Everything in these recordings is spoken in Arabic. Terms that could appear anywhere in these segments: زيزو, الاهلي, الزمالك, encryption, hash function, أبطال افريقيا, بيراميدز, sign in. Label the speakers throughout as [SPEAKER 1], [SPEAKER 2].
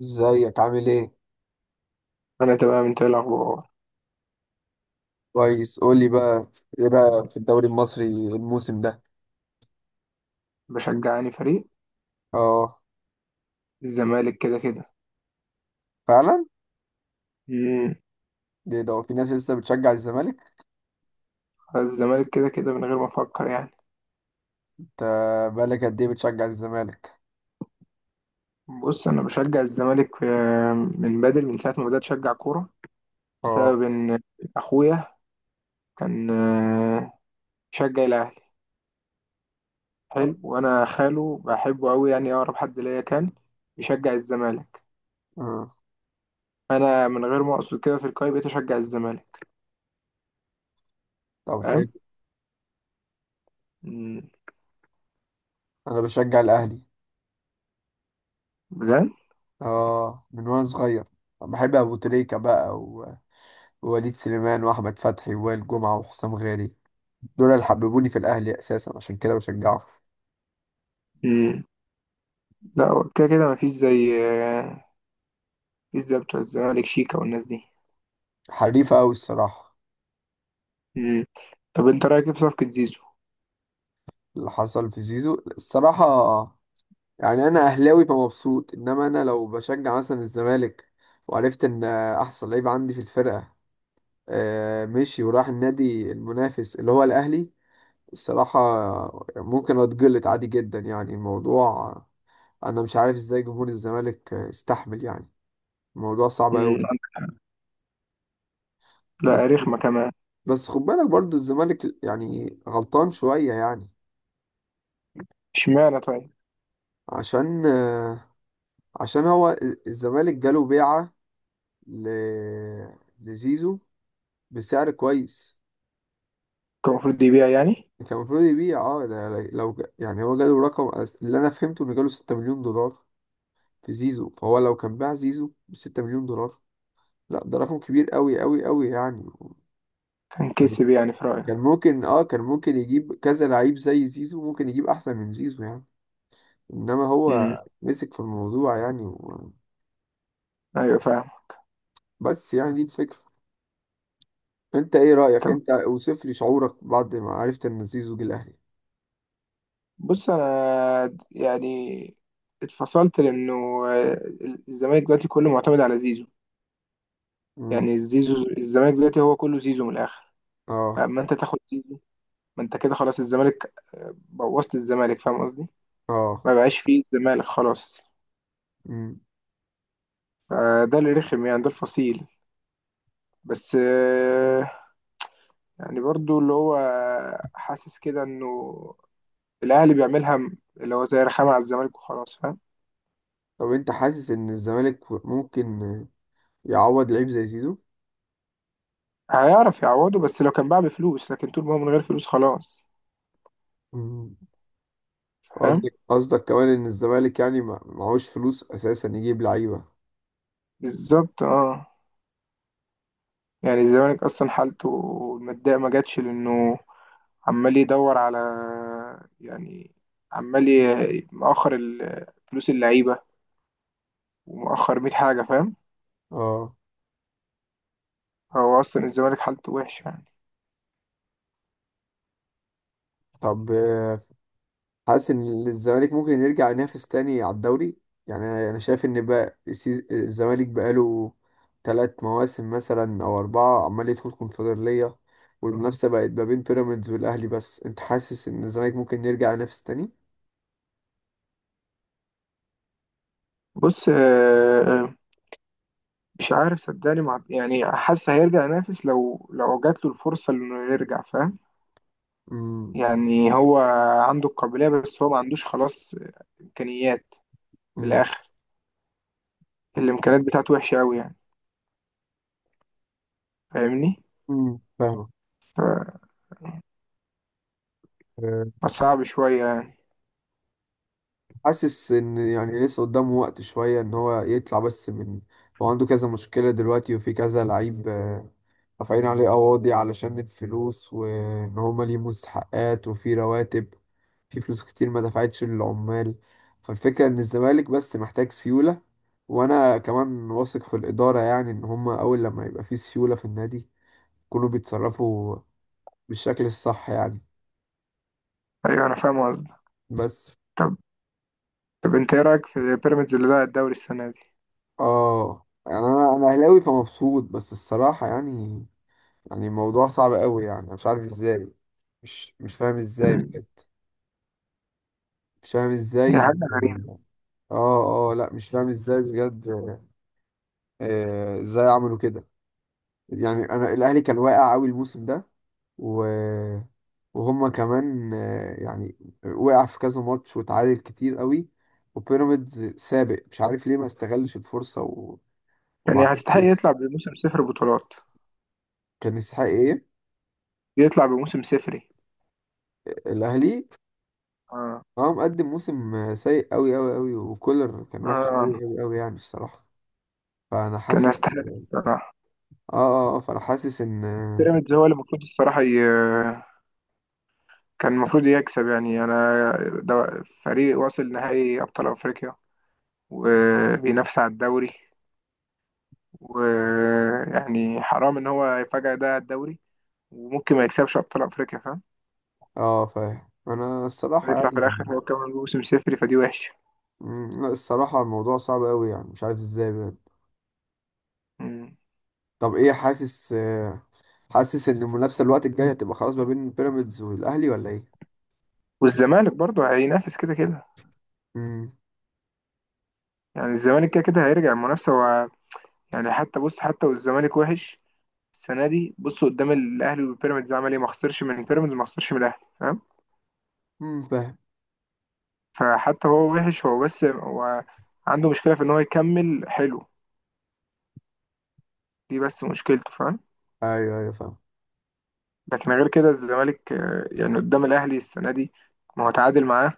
[SPEAKER 1] ازيك عامل ايه؟
[SPEAKER 2] انا تمام. انت إيه الاخبار؟
[SPEAKER 1] كويس، قول لي بقى. ايه رأيك في الدوري المصري الموسم ده؟
[SPEAKER 2] بشجعني فريق
[SPEAKER 1] اه.
[SPEAKER 2] الزمالك كده كده.
[SPEAKER 1] فعلا؟
[SPEAKER 2] امم
[SPEAKER 1] ليه ده هو في ناس لسه بتشجع الزمالك؟
[SPEAKER 2] الزمالك كده كده من غير ما افكر يعني.
[SPEAKER 1] انت بقالك قد ايه بتشجع الزمالك؟
[SPEAKER 2] بص انا بشجع الزمالك من بدري، من ساعه ما بدات اشجع كوره،
[SPEAKER 1] اه،
[SPEAKER 2] بسبب ان اخويا كان يشجع الاهلي، حلو وانا خاله بحبه قوي، يعني اقرب حد ليا كان يشجع الزمالك.
[SPEAKER 1] اه.
[SPEAKER 2] انا من غير ما اقصد كده في القايمه بقيت اشجع الزمالك،
[SPEAKER 1] طب، حلو.
[SPEAKER 2] فاهم؟ امم
[SPEAKER 1] انا بشجع الاهلي.
[SPEAKER 2] بجد.
[SPEAKER 1] اه، من وانا صغير بحب ابو تريكة بقى ووليد سليمان واحمد فتحي ووائل جمعة وحسام غالي. دول اللي حببوني في الاهلي اساسا، عشان كده بشجعه.
[SPEAKER 2] امم لا هو كده كده مفيش زي مفيش زي بتوع الزمالك، شيكا والناس دي.
[SPEAKER 1] حريفة قوي الصراحة.
[SPEAKER 2] مم. طب انت رايك ايه في صفقة زيزو؟
[SPEAKER 1] اللي حصل في زيزو الصراحة، يعني انا اهلاوي فمبسوط، انما انا لو بشجع مثلا الزمالك وعرفت ان احسن لعيب عندي في الفرقه مشي وراح النادي المنافس اللي هو الاهلي. الصراحه، ممكن اتجلط عادي جدا يعني الموضوع. انا مش عارف ازاي جمهور الزمالك استحمل يعني. الموضوع صعب
[SPEAKER 2] مم.
[SPEAKER 1] قوي. بس
[SPEAKER 2] لا رخمة كمان.
[SPEAKER 1] بس خد بالك برضو الزمالك يعني غلطان شويه يعني.
[SPEAKER 2] اشمعنى طيب؟
[SPEAKER 1] عشان آه، عشان هو الزمالك جاله بيعه ل- لزيزو بسعر كويس.
[SPEAKER 2] كان المفروض يبيع يعني؟
[SPEAKER 1] كان المفروض يبيع، اه ده لو يعني هو جاله رقم اللي انا فهمته انه جاله 6 مليون دولار في زيزو، فهو لو كان باع زيزو ب 6 مليون دولار، لا ده رقم كبير قوي قوي قوي يعني.
[SPEAKER 2] كان
[SPEAKER 1] يعني
[SPEAKER 2] كسب يعني في رأيك؟
[SPEAKER 1] كان ممكن يجيب كذا لعيب زي زيزو، ممكن يجيب احسن من زيزو يعني. انما هو
[SPEAKER 2] مم.
[SPEAKER 1] مسك في الموضوع يعني
[SPEAKER 2] ايوه فاهم.
[SPEAKER 1] بس يعني دي الفكرة. انت ايه رأيك،
[SPEAKER 2] طب
[SPEAKER 1] انت اوصف لي شعورك بعد ما عرفت ان زيزو جه الاهلي.
[SPEAKER 2] بص، انا يعني اتفصلت، لانه آه، الزمالك دلوقتي كله معتمد على زيزو.
[SPEAKER 1] امم.
[SPEAKER 2] يعني زيزو، الزمالك دلوقتي هو كله زيزو من الاخر.
[SPEAKER 1] اه.
[SPEAKER 2] فاما انت تاخد زيزو، ما انت كده خلاص الزمالك بوظت الزمالك، فاهم قصدي؟
[SPEAKER 1] اه.
[SPEAKER 2] ما بقاش فيه الزمالك خلاص.
[SPEAKER 1] امم.
[SPEAKER 2] فده اللي رخم يعني، ده الفصيل. بس آه، يعني برضو اللي هو حاسس كده انه الاهلي بيعملها اللي هو زي رخامه على الزمالك وخلاص، فاهم؟
[SPEAKER 1] طب انت حاسس ان الزمالك ممكن يعوض لعيب زي زيزو؟
[SPEAKER 2] هيعرف يعوضه بس لو كان باع بفلوس، لكن طول ما هو من غير فلوس خلاص.
[SPEAKER 1] مم.
[SPEAKER 2] فاهم،
[SPEAKER 1] قصدك كمان ان الزمالك يعني معهوش فلوس اساسا يجيب لعيبه.
[SPEAKER 2] بالظبط اه. يعني الزمالك اصلا حالته الماديه ما جاتش، لانه عمال يدور على، يعني عمال مؤخر فلوس اللعيبه، ومؤخر 100 حاجه، فاهم.
[SPEAKER 1] اه.
[SPEAKER 2] هو اصلا الزمالك حالته وحشه يعني.
[SPEAKER 1] طب، حاسس ان الزمالك ممكن يرجع ينافس تاني على الدوري؟ يعني انا شايف ان بقى الزمالك بقاله ثلاث مواسم مثلا او اربعه عمال يدخل كونفدراليه. مم. والمنافسه بقت ما بين بيراميدز والاهلي، بس انت حاسس ان الزمالك ممكن يرجع ينافس تاني؟
[SPEAKER 2] بص مش عارف صدقني، مع يعني حاسس هيرجع ينافس لو جات له الفرصة انه يرجع، فاهم؟
[SPEAKER 1] مم.
[SPEAKER 2] يعني هو عنده القابلية، بس هو ما عندوش خلاص امكانيات. بالاخر الامكانيات بتاعته وحشة قوي يعني، فاهمني؟
[SPEAKER 1] مم. فاهم.
[SPEAKER 2] فصعب شوية يعني.
[SPEAKER 1] حاسس ان يعني لسه قدامه وقت شوية ان هو يطلع، بس من هو عنده كذا مشكلة دلوقتي وفي كذا لعيب رافعين عليه قواضي علشان الفلوس وان هما ليه مستحقات وفي رواتب، في فلوس كتير ما دفعتش للعمال. فالفكرة ان الزمالك بس محتاج سيولة، وانا كمان واثق في الإدارة يعني ان هما اول لما يبقى في سيولة في النادي، يكونوا بيتصرفوا بالشكل الصح يعني.
[SPEAKER 2] ايوه انا فاهم قصدك.
[SPEAKER 1] بس.
[SPEAKER 2] طب طب انت ايه رايك في بيراميدز اللي بقى الدوري السنة دي؟
[SPEAKER 1] اه، يعني انا اهلاوي فمبسوط بس الصراحة يعني، يعني الموضوع صعب قوي يعني. أنا مش عارف ازاي، مش فاهم ازاي
[SPEAKER 2] مم.
[SPEAKER 1] بجد. مش فاهم
[SPEAKER 2] هي
[SPEAKER 1] ازاي.
[SPEAKER 2] حاجة غريبة.
[SPEAKER 1] اه، اه، لا مش فاهم ازاي بجد. ازاي عملوا كده. يعني انا الاهلي كان واقع قوي الموسم ده و... وهما كمان يعني وقع في كذا ماتش واتعادل كتير قوي. وبيراميدز سابق مش عارف ليه ما استغلش الفرصة وما
[SPEAKER 2] يعني
[SPEAKER 1] عرفش
[SPEAKER 2] هيستحق
[SPEAKER 1] يكسب.
[SPEAKER 2] يطلع بموسم صفر بطولات،
[SPEAKER 1] كان يستحق ايه؟
[SPEAKER 2] يطلع بموسم صفري.
[SPEAKER 1] الاهلي
[SPEAKER 2] اه
[SPEAKER 1] هو مقدم موسم سيء قوي قوي قوي، وكولر كان وحش
[SPEAKER 2] اه
[SPEAKER 1] قوي قوي قوي يعني الصراحة. فأنا
[SPEAKER 2] كان
[SPEAKER 1] حاسس،
[SPEAKER 2] يستحق
[SPEAKER 1] اه.
[SPEAKER 2] الصراحة.
[SPEAKER 1] اه، فأنا حاسس إن.
[SPEAKER 2] بيراميدز هو اللي المفروض الصراحة ي... كان المفروض يكسب يعني. انا ده فريق واصل نهائي ابطال افريقيا، وبينافس على الدوري. ويعني حرام ان هو يفاجئ ده على الدوري، وممكن ما يكسبش ابطال افريقيا، فاهم؟
[SPEAKER 1] اه فاهم، أنا الصراحة
[SPEAKER 2] هيطلع في
[SPEAKER 1] يعني.
[SPEAKER 2] الاخر هو كمان موسم صفري، فدي وحشه.
[SPEAKER 1] لا الصراحة الموضوع صعب قوي يعني مش عارف ازاي بجد.
[SPEAKER 2] مم.
[SPEAKER 1] طب ايه، حاسس حاسس إن المنافسة الوقت الجاي هتبقى خلاص ما بين بيراميدز والأهلي ولا ايه؟
[SPEAKER 2] والزمالك برضه هينافس كده كده.
[SPEAKER 1] امم.
[SPEAKER 2] يعني الزمالك كده كده هيرجع المنافسه و... يعني حتى بص، حتى والزمالك وحش السنه دي، بص قدام الاهلي والبيراميدز عمل ايه؟ ما خسرش من بيراميدز، ما خسرش من الاهلي.
[SPEAKER 1] فاهم.
[SPEAKER 2] فحتى هو وحش، هو بس هو عنده مشكلة في إن هو يكمل حلو، دي بس مشكلته، فاهم؟
[SPEAKER 1] ايوه، ايوه، فاهم.
[SPEAKER 2] لكن غير كده الزمالك يعني قدام الأهلي السنة دي، ما هو تعادل معاه،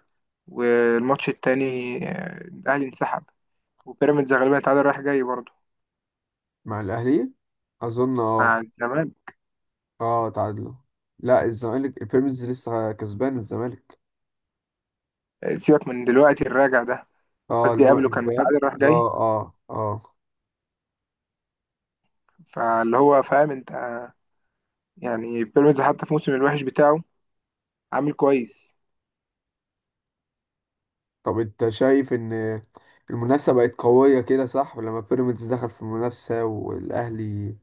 [SPEAKER 2] والماتش التاني الأهلي انسحب. وبيراميدز غالبا تعادل رايح جاي برضه
[SPEAKER 1] مع الأهلي، أظن،
[SPEAKER 2] مع
[SPEAKER 1] اه.
[SPEAKER 2] الزمالك.
[SPEAKER 1] اه، تعادلوا. لا الزمالك بيراميدز لسه كسبان الزمالك.
[SPEAKER 2] سيبك من دلوقتي الراجع ده،
[SPEAKER 1] اه،
[SPEAKER 2] قصدي
[SPEAKER 1] الماء
[SPEAKER 2] قبله كان
[SPEAKER 1] الذهب.
[SPEAKER 2] متعادل رايح
[SPEAKER 1] اه،
[SPEAKER 2] جاي.
[SPEAKER 1] اه، اه.
[SPEAKER 2] فاللي هو فاهم أنت يعني بيراميدز حتى في موسم الوحش بتاعه عامل كويس.
[SPEAKER 1] طب انت شايف ان المنافسة بقت قوية كده، صح؟ لما بيراميدز دخل في المنافسة والاهلي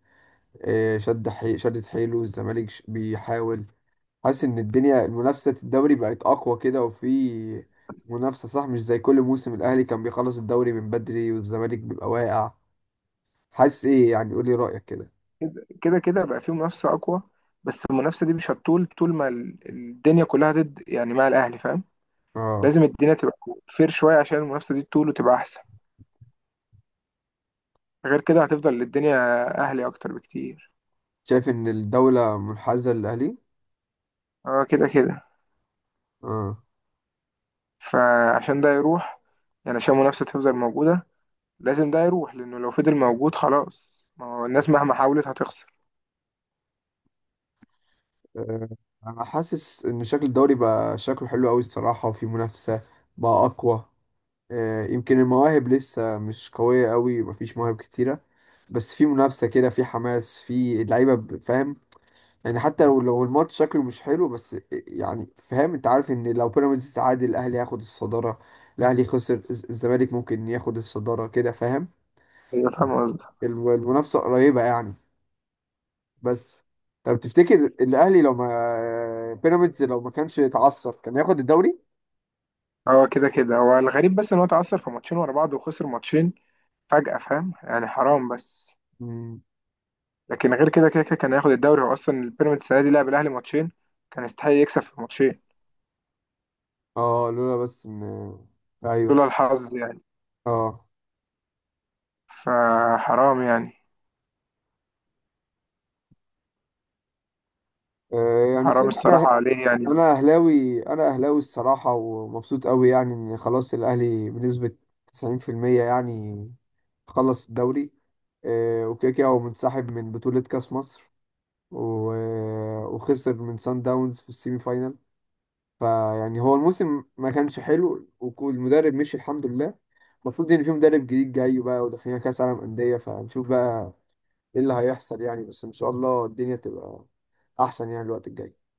[SPEAKER 1] شد شدت حيله، والزمالك بيحاول. حاسس ان الدنيا المنافسة الدوري بقت اقوى كده، وفي منافسة، صح؟ مش زي كل موسم الاهلي كان بيخلص الدوري من بدري والزمالك بيبقى واقع. حاسس ايه يعني؟ قولي رأيك كده.
[SPEAKER 2] كده كده بقى فيه منافسة أقوى، بس المنافسة دي مش هتطول طول ما الدنيا كلها ضد يعني، مع الأهلي، فاهم؟
[SPEAKER 1] اه،
[SPEAKER 2] لازم الدنيا تبقى فير شوية عشان المنافسة دي تطول وتبقى أحسن. غير كده هتفضل الدنيا أهلي أكتر بكتير.
[SPEAKER 1] شايف ان الدولة منحازة للاهلي.
[SPEAKER 2] اه كده كده.
[SPEAKER 1] اه،
[SPEAKER 2] فعشان ده يروح، يعني عشان المنافسة تفضل موجودة، لازم ده يروح، لأنه لو فضل موجود خلاص ما هو الناس مهما حاولت هتخسر.
[SPEAKER 1] آه، انا حاسس ان شكل الدوري بقى شكله حلو قوي الصراحه، وفي منافسه بقى اقوى. يمكن المواهب لسه مش قويه قوي، مفيش مواهب كتيره، بس في منافسه كده، في حماس في اللعيبه فاهم. يعني حتى لو الماتش شكله مش حلو بس يعني فاهم. انت عارف ان لو بيراميدز تعادل الاهلي هياخد الصداره، الاهلي خسر الزمالك ممكن ياخد الصداره كده، فاهم.
[SPEAKER 2] أيوة فاهم قصدي.
[SPEAKER 1] المنافسه قريبه يعني. بس، طب تفتكر الاهلي لو ما كانش اتعثر كان ياخد الدوري؟
[SPEAKER 2] اه كده كده هو الغريب، بس إن هو اتعثر في ماتشين ورا بعض، وخسر ماتشين فجأة، فاهم يعني، حرام بس.
[SPEAKER 1] مم.
[SPEAKER 2] لكن غير كده كده كان هياخد الدوري. هو اصلا البيراميدز السنه دي لعب الاهلي ماتشين، كان يستحق يكسب في الماتشين،
[SPEAKER 1] اه، لولا بس ان،
[SPEAKER 2] لولا
[SPEAKER 1] ايوه،
[SPEAKER 2] الحظ يعني.
[SPEAKER 1] اه،
[SPEAKER 2] فحرام يعني،
[SPEAKER 1] يعني
[SPEAKER 2] حرام
[SPEAKER 1] الصراحه
[SPEAKER 2] الصراحه
[SPEAKER 1] انا،
[SPEAKER 2] عليه يعني.
[SPEAKER 1] انا اهلاوي انا اهلاوي الصراحه ومبسوط قوي يعني ان خلاص الاهلي بنسبه 90% يعني خلص الدوري. وكده كده هو منسحب من بطوله كاس مصر و... وخسر من سان داونز في السيمي فاينال. فيعني هو الموسم ما كانش حلو، والمدرب مشي الحمد لله. المفروض ان في مدرب جديد جاي بقى، وداخلين كاس عالم انديه، فهنشوف بقى ايه اللي هيحصل يعني. بس ان شاء الله الدنيا تبقى احسن يعني الوقت الجاي.